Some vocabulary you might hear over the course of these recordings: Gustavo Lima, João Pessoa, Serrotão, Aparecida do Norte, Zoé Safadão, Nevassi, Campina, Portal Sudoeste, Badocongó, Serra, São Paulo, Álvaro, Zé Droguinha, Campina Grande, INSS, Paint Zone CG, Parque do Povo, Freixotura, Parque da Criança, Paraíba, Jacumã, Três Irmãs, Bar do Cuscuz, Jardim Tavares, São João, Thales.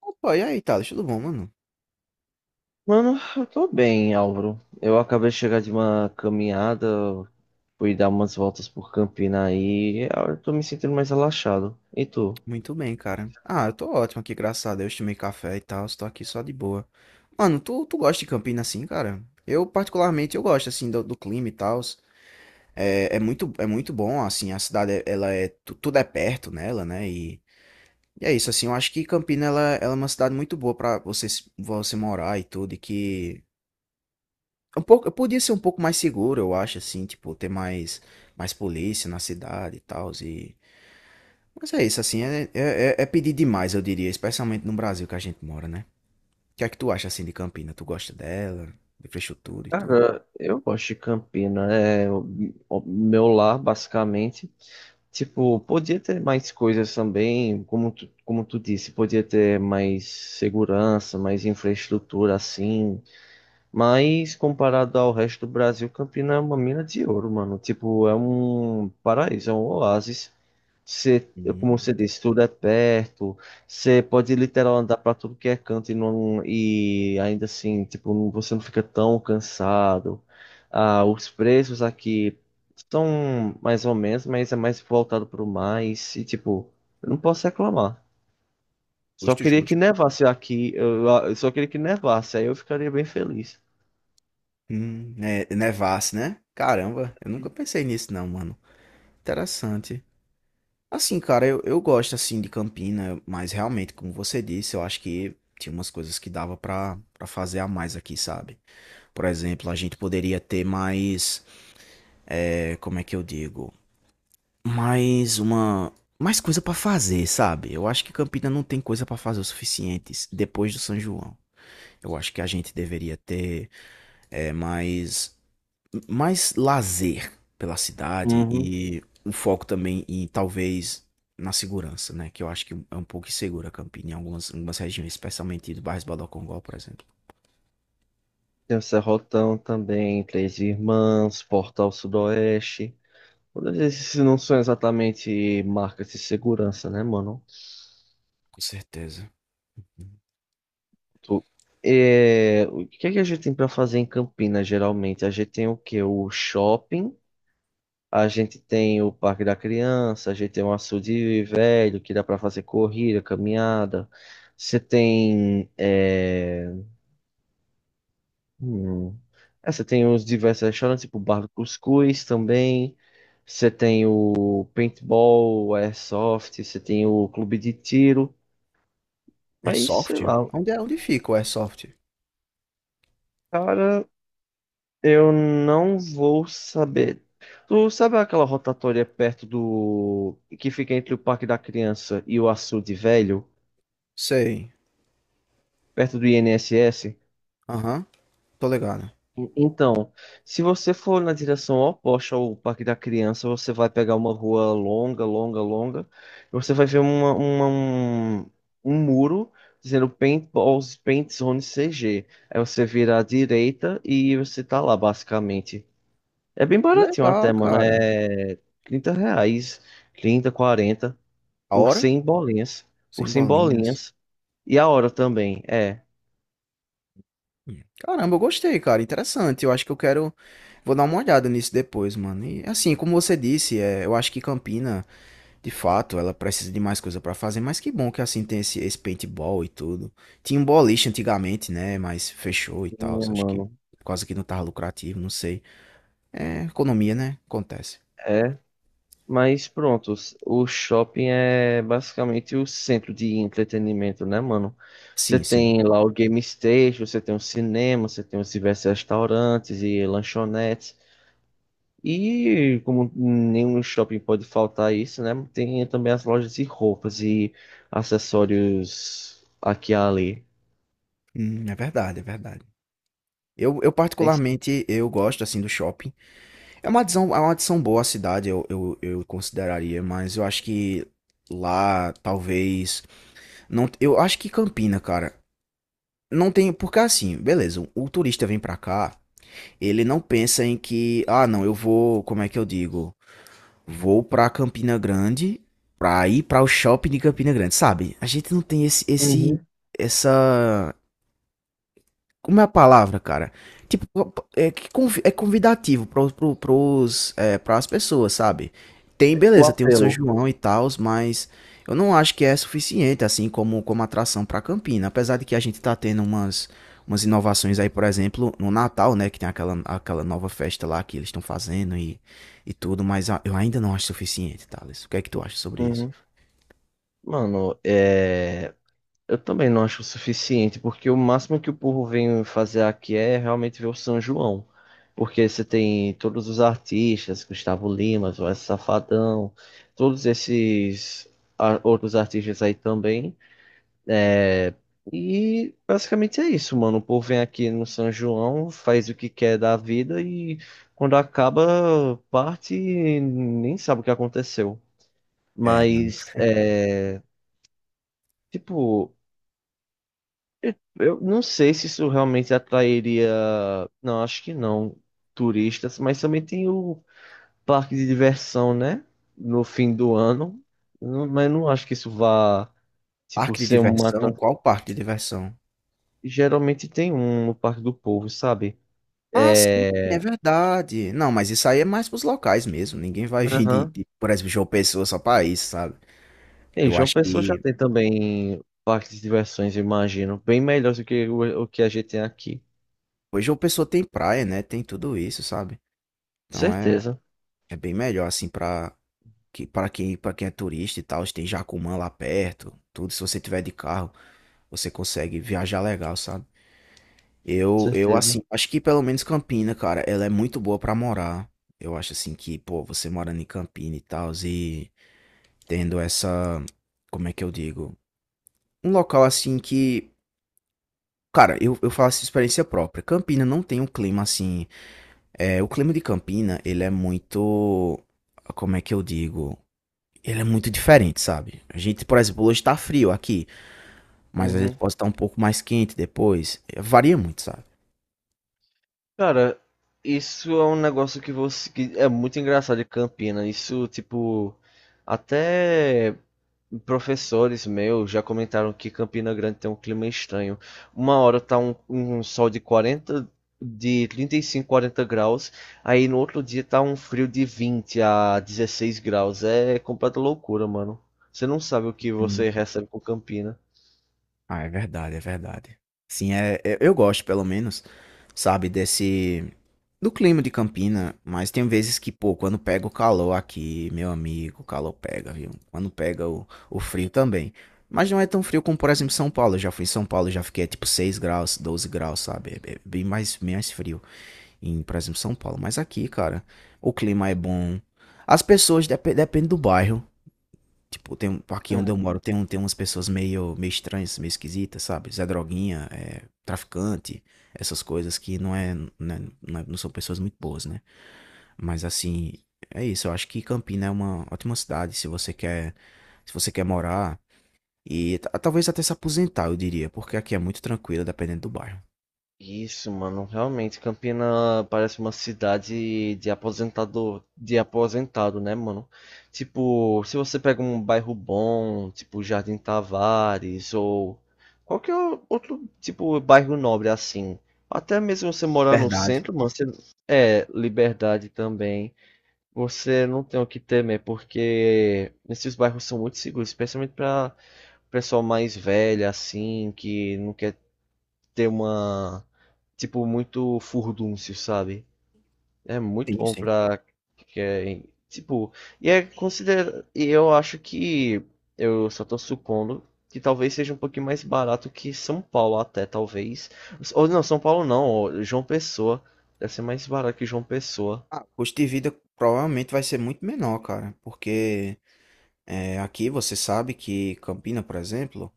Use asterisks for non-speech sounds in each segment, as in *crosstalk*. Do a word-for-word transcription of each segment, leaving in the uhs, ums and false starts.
Opa, e aí, Thales? Tudo bom, mano? Mano, eu tô bem, Álvaro. Eu acabei de chegar de uma caminhada, fui dar umas voltas por Campina aí, eu tô me sentindo mais relaxado. E tu? Muito bem, cara. Ah, eu tô ótimo aqui, graças a Deus. Tomei café e tal, estou aqui só de boa. Mano, tu, tu gosta de Campina assim, cara? Eu, particularmente, eu gosto, assim, do, do clima e tal. É, é muito, é muito bom, assim, a cidade, é- ela é... tu- Tudo é perto nela, né? E, e é isso, assim, eu acho que Campina, ela, ela é uma cidade muito boa pra você, se- você morar e tudo, e que... Um pouco, eu podia ser um pouco mais seguro, eu acho, assim, tipo, ter mais, mais polícia na cidade e tal. Mas é isso, assim, é, é, é é pedir demais, eu diria, especialmente no Brasil que a gente mora, né? O que é que tu acha, assim, de Campina? Tu gosta dela, de Freixotura e tudo? Cara, eu gosto de Campina, é o o meu lar, basicamente. Tipo, podia ter mais coisas também, como tu, como tu disse, podia ter mais segurança, mais infraestrutura assim, mas comparado ao resto do Brasil, Campina é uma mina de ouro, mano. Tipo, é um paraíso, é um oásis. Você, como você Hum, disse, tudo é perto. Você pode literal andar pra tudo que é canto e, não, e ainda assim, tipo, não- você não fica tão cansado. Ah, os preços aqui são mais ou menos, mas é mais voltado pro mais. E tipo, eu não posso reclamar. Só Justo, queria justo. que nevasse aqui. Eu, eu só queria que nevasse, aí eu ficaria bem feliz. Hum, é, Nevassi, né? Caramba, eu nunca pensei nisso não, mano. Interessante. Assim, cara, eu, eu gosto, assim, de Campina, mas realmente, como você disse, eu acho que tinha umas coisas que dava pra, pra fazer a mais aqui, sabe? Por exemplo, a gente poderia ter mais, é, como é que eu digo? Mais uma. Mais coisa pra fazer, sabe? Eu acho que Campina não tem coisa pra fazer o suficiente depois do São João. Eu acho que a gente deveria ter é, mais. Mais lazer pela cidade Uhum. e um foco também em talvez na segurança, né? Que eu acho que é um pouco insegura Campina em algumas, em algumas regiões, especialmente do bairro Badocongó, por exemplo. Tem o Serrotão também, Três Irmãs, Portal Sudoeste. Todos esses não são exatamente marcas de segurança, né, mano? Com certeza. Tu- é, o que é que a gente tem pra fazer em Campinas, geralmente? A gente tem o quê? O shopping, a gente tem o Parque da Criança, a gente tem um açude velho que dá pra fazer corrida, caminhada. Você tem. é, Hum. É, você tem os diversos restaurantes, tipo o Bar do Cuscuz também. Você tem o paintball, o airsoft, você tem o clube de tiro. Mas, sei Airsoft? lá, Onde é? Onde fica o Airsoft? cara, eu não vou saber. Tu sabe aquela rotatória perto do que fica entre o Parque da Criança e o Açude Velho? Sei. Perto do I N S S? Aham, tô ligado. Então, se você for na direção oposta ao Parque da Criança, você vai pegar uma rua longa, longa, longa, e você vai ver uma, uma- um, um muro dizendo Paintballs, Paint Zone C G. Aí você vira à direita e você tá lá, basicamente. É bem Que baratinho até, legal, mano. cara. É trinta reais, trinta, quarenta A por hora? cem bolinhas. Por Sem cem bolinhas. bolinhas. E a hora também, é. Hum. Caramba, eu gostei, cara. Interessante. Eu acho que eu quero. Vou dar uma olhada nisso depois, mano. E assim, como você disse, é, eu acho que Campina, de fato, ela precisa de mais coisa pra fazer. Mas que bom que assim tem esse, esse paintball e tudo. Tinha um boliche antigamente, né? Mas fechou e tal. Minha, Acho que mano. por causa que não tava lucrativo, não sei. É, economia, né? Acontece. é Mas pronto, s- o shopping é basicamente o centro de entretenimento, né, mano? Você Sim, sim. tem lá o game station, você tem o cinema, você tem os diversos restaurantes e lanchonetes. E como nenhum shopping pode faltar isso, né? Tem também as lojas de roupas e acessórios aqui e ali. Hum, é verdade, é verdade. Eu, eu É isso. particularmente, eu gosto assim do shopping. É uma adição, é uma adição boa à cidade, eu, eu, eu consideraria, mas eu acho que lá, talvez. Não. Eu acho que Campina, cara. Não tem. Porque assim, beleza, o turista vem pra cá, ele não pensa em que. Ah, não, eu vou. Como é que eu digo? Vou pra Campina Grande pra ir pra o shopping de Campina Grande, sabe? A gente não tem esse, esse, Uhum. essa, Como é a palavra, cara? Tipo, é, que convi- é convidativo pro, pro, pros, é, pras pessoas, sabe? Tem, O beleza, tem o São apelo. João e tal, mas eu não acho que é suficiente, assim, como, como atração pra Campina. Apesar de que a gente tá tendo umas, umas inovações aí, por exemplo, no Natal, né? Que tem aquela, aquela nova festa lá que eles estão fazendo e, e tudo, mas a- eu ainda não acho suficiente, Thales. O que é que tu acha sobre isso? Uhum. Mano, é... Eu também não acho o suficiente, porque o máximo que o povo vem fazer aqui é realmente ver o São João. Porque você tem todos os artistas, Gustavo Lima, Zoé Safadão, todos esses a- outros artistas aí também. E basicamente é isso, mano. O povo vem aqui no São João, faz o que quer da vida e quando acaba, parte e nem sabe o que aconteceu. É, mano. Mas, é, tipo. Eu não sei se isso realmente atrairia. Não, acho que não. Turistas, mas também tem o parque de diversão, né? No fim do ano. Eu não- mas não acho que isso vá, tipo, Parque de ser uma. diversão? atra- Qual parque de diversão? geralmente tem um no Parque do Povo, sabe? Ah, sim, é É. verdade. Não, mas isso aí é mais pros locais mesmo. Ninguém vai *laughs* vir de, Aham. de, por exemplo, João Pessoa só pra isso, sabe? E Eu João acho Pessoa já que. tem também parques de diversões, eu imagino. Bem melhores do que o, o que a gente tem aqui. Pois João Pessoa tem praia, né? Tem tudo isso, sabe? Então é, Certeza, é bem melhor, assim, pra, que, pra, quem, pra quem é turista e tal. Tem Jacumã lá perto, tudo. Se você tiver de carro, você consegue viajar legal, sabe? Eu, eu, certeza. assim, acho que pelo menos Campina, cara, ela é muito boa pra morar. Eu acho, assim, que, pô, você morando em Campina e tal, e tendo essa. Como é que eu digo? Um local assim que. Cara, eu, eu falo faço experiência própria. Campina não tem um clima assim. É, o clima de Campina, ele é muito. Como é que eu digo? Ele é muito diferente, sabe? A gente, por exemplo, hoje tá frio aqui, mas às vezes Uhum. pode estar um pouco mais quente depois. É, varia muito, sabe? Cara, isso é um negócio que você que é muito engraçado de Campina. Isso, tipo, até professores meus já comentaram que Campina Grande tem um clima estranho. Uma hora tá um, um sol de quarenta, de trinta e cinco, quarenta graus, aí no outro dia tá um frio de vinte a dezesseis graus. É completa loucura, mano. Você não sabe o que Hum. você recebe com Campina. Ah, é verdade, é verdade. Sim, é, é- eu gosto, pelo menos, sabe, desse. Do clima de Campina, mas tem vezes que, pô, quando pega o calor aqui, meu amigo, o calor pega, viu? Quando pega o, o frio também. Mas não é tão frio como, por exemplo, São Paulo. Eu já fui em São Paulo, já fiquei tipo seis graus, doze graus, sabe? É é bem mais, bem mais frio em, por exemplo, São Paulo. Mas aqui, cara, o clima é bom. As pessoas, dep depende do bairro. Tipo, tem, um, aqui onde eu moro tem, um- tem umas pessoas meio, meio estranhas, meio esquisitas, sabe? Zé Droguinha, é, traficante, essas coisas que não é, não é- não é- não são pessoas muito boas, né? Mas assim, é isso. Eu acho que Campina é uma ótima cidade se você quer, se você quer morar e ta- talvez até se aposentar, eu diria, porque aqui é muito tranquilo, dependendo do bairro. Isso, mano, realmente Campina parece uma cidade de aposentador, de aposentado, né, mano? Tipo, se você pega um bairro bom, tipo Jardim Tavares ou qualquer outro tipo bairro nobre assim, até mesmo você morar no Verdade. centro, mano, você é liberdade também. Você não tem o que temer porque esses bairros são muito seguros, especialmente para pessoal mais velho assim, que não quer ter uma. Tipo, muito furdúncio, sabe? É muito Sim, bom sim. pra. quem- tipo, e é considera. E eu acho que. Eu só tô supondo que talvez seja um pouquinho mais barato que São Paulo, até, talvez. Ou não, São Paulo não, ó, João Pessoa. Deve ser mais barato que João Pessoa. Ah, o custo de vida provavelmente vai ser muito menor, cara, porque é, aqui você sabe que Campina, por exemplo.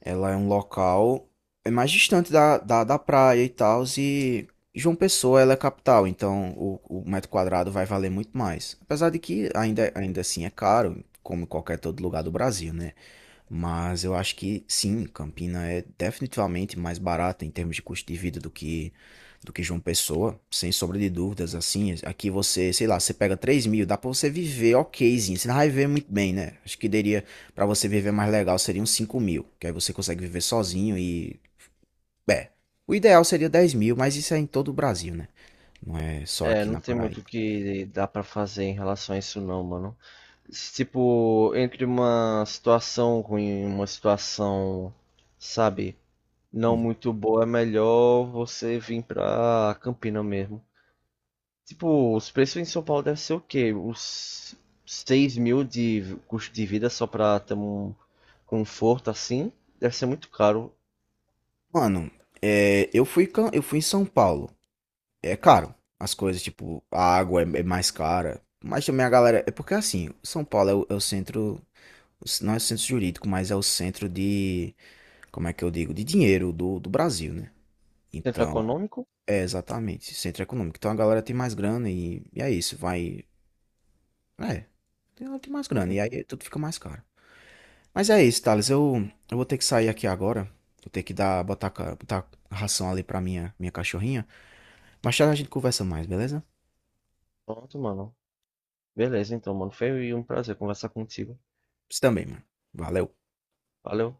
Ela é um local, é mais distante da, da, da praia e tal, e João Pessoa ela é capital, então o, o metro quadrado vai valer muito mais. Apesar de que ainda, ainda assim é caro, como em qualquer todo lugar do Brasil, né? Mas eu acho que sim, Campina é definitivamente mais barata em termos de custo de vida do que do que João Pessoa, sem sombra de dúvidas. Assim, aqui você, sei lá, você pega três mil, dá pra você viver okzinho, você não vai viver muito bem, né? Acho que daria, pra você viver mais legal, seriam cinco mil, que aí você consegue viver sozinho e, é, o ideal seria dez mil, mas isso é em todo o Brasil, né? Não é só É, aqui não na tem muito o Paraíba. que dá pra fazer em relação a isso não, mano. Tipo, entre uma situação ruim e uma situação, sabe, não Hum. muito boa, é melhor você vir pra Campina mesmo. Tipo, os preços em São Paulo devem ser o quê? Uns seis mil de custo de vida só pra ter um conforto assim? Deve ser muito caro. Mano, é, eu fui, cam- eu fui em São Paulo, é caro. As coisas, tipo, a água é, é mais cara. Mas também a galera. É porque assim, São Paulo é o, é o centro. Não é o centro jurídico, mas é o centro de. Como é que eu digo? De dinheiro do, do Brasil, né? Centro Então, econômico? é exatamente, centro econômico. Então a galera tem mais grana e, e é isso, vai. É, ela tem mais grana e Uhum. aí tudo fica mais caro. Mas é isso, Thales. Eu, eu vou ter que sair aqui agora. Vou ter que dar, botar, ca- botar ração ali pra minha, minha cachorrinha. Mas já a gente conversa mais, beleza? Pronto, mano. Beleza, então, mano. Foi um prazer conversar contigo. Você também, mano. Valeu. Valeu.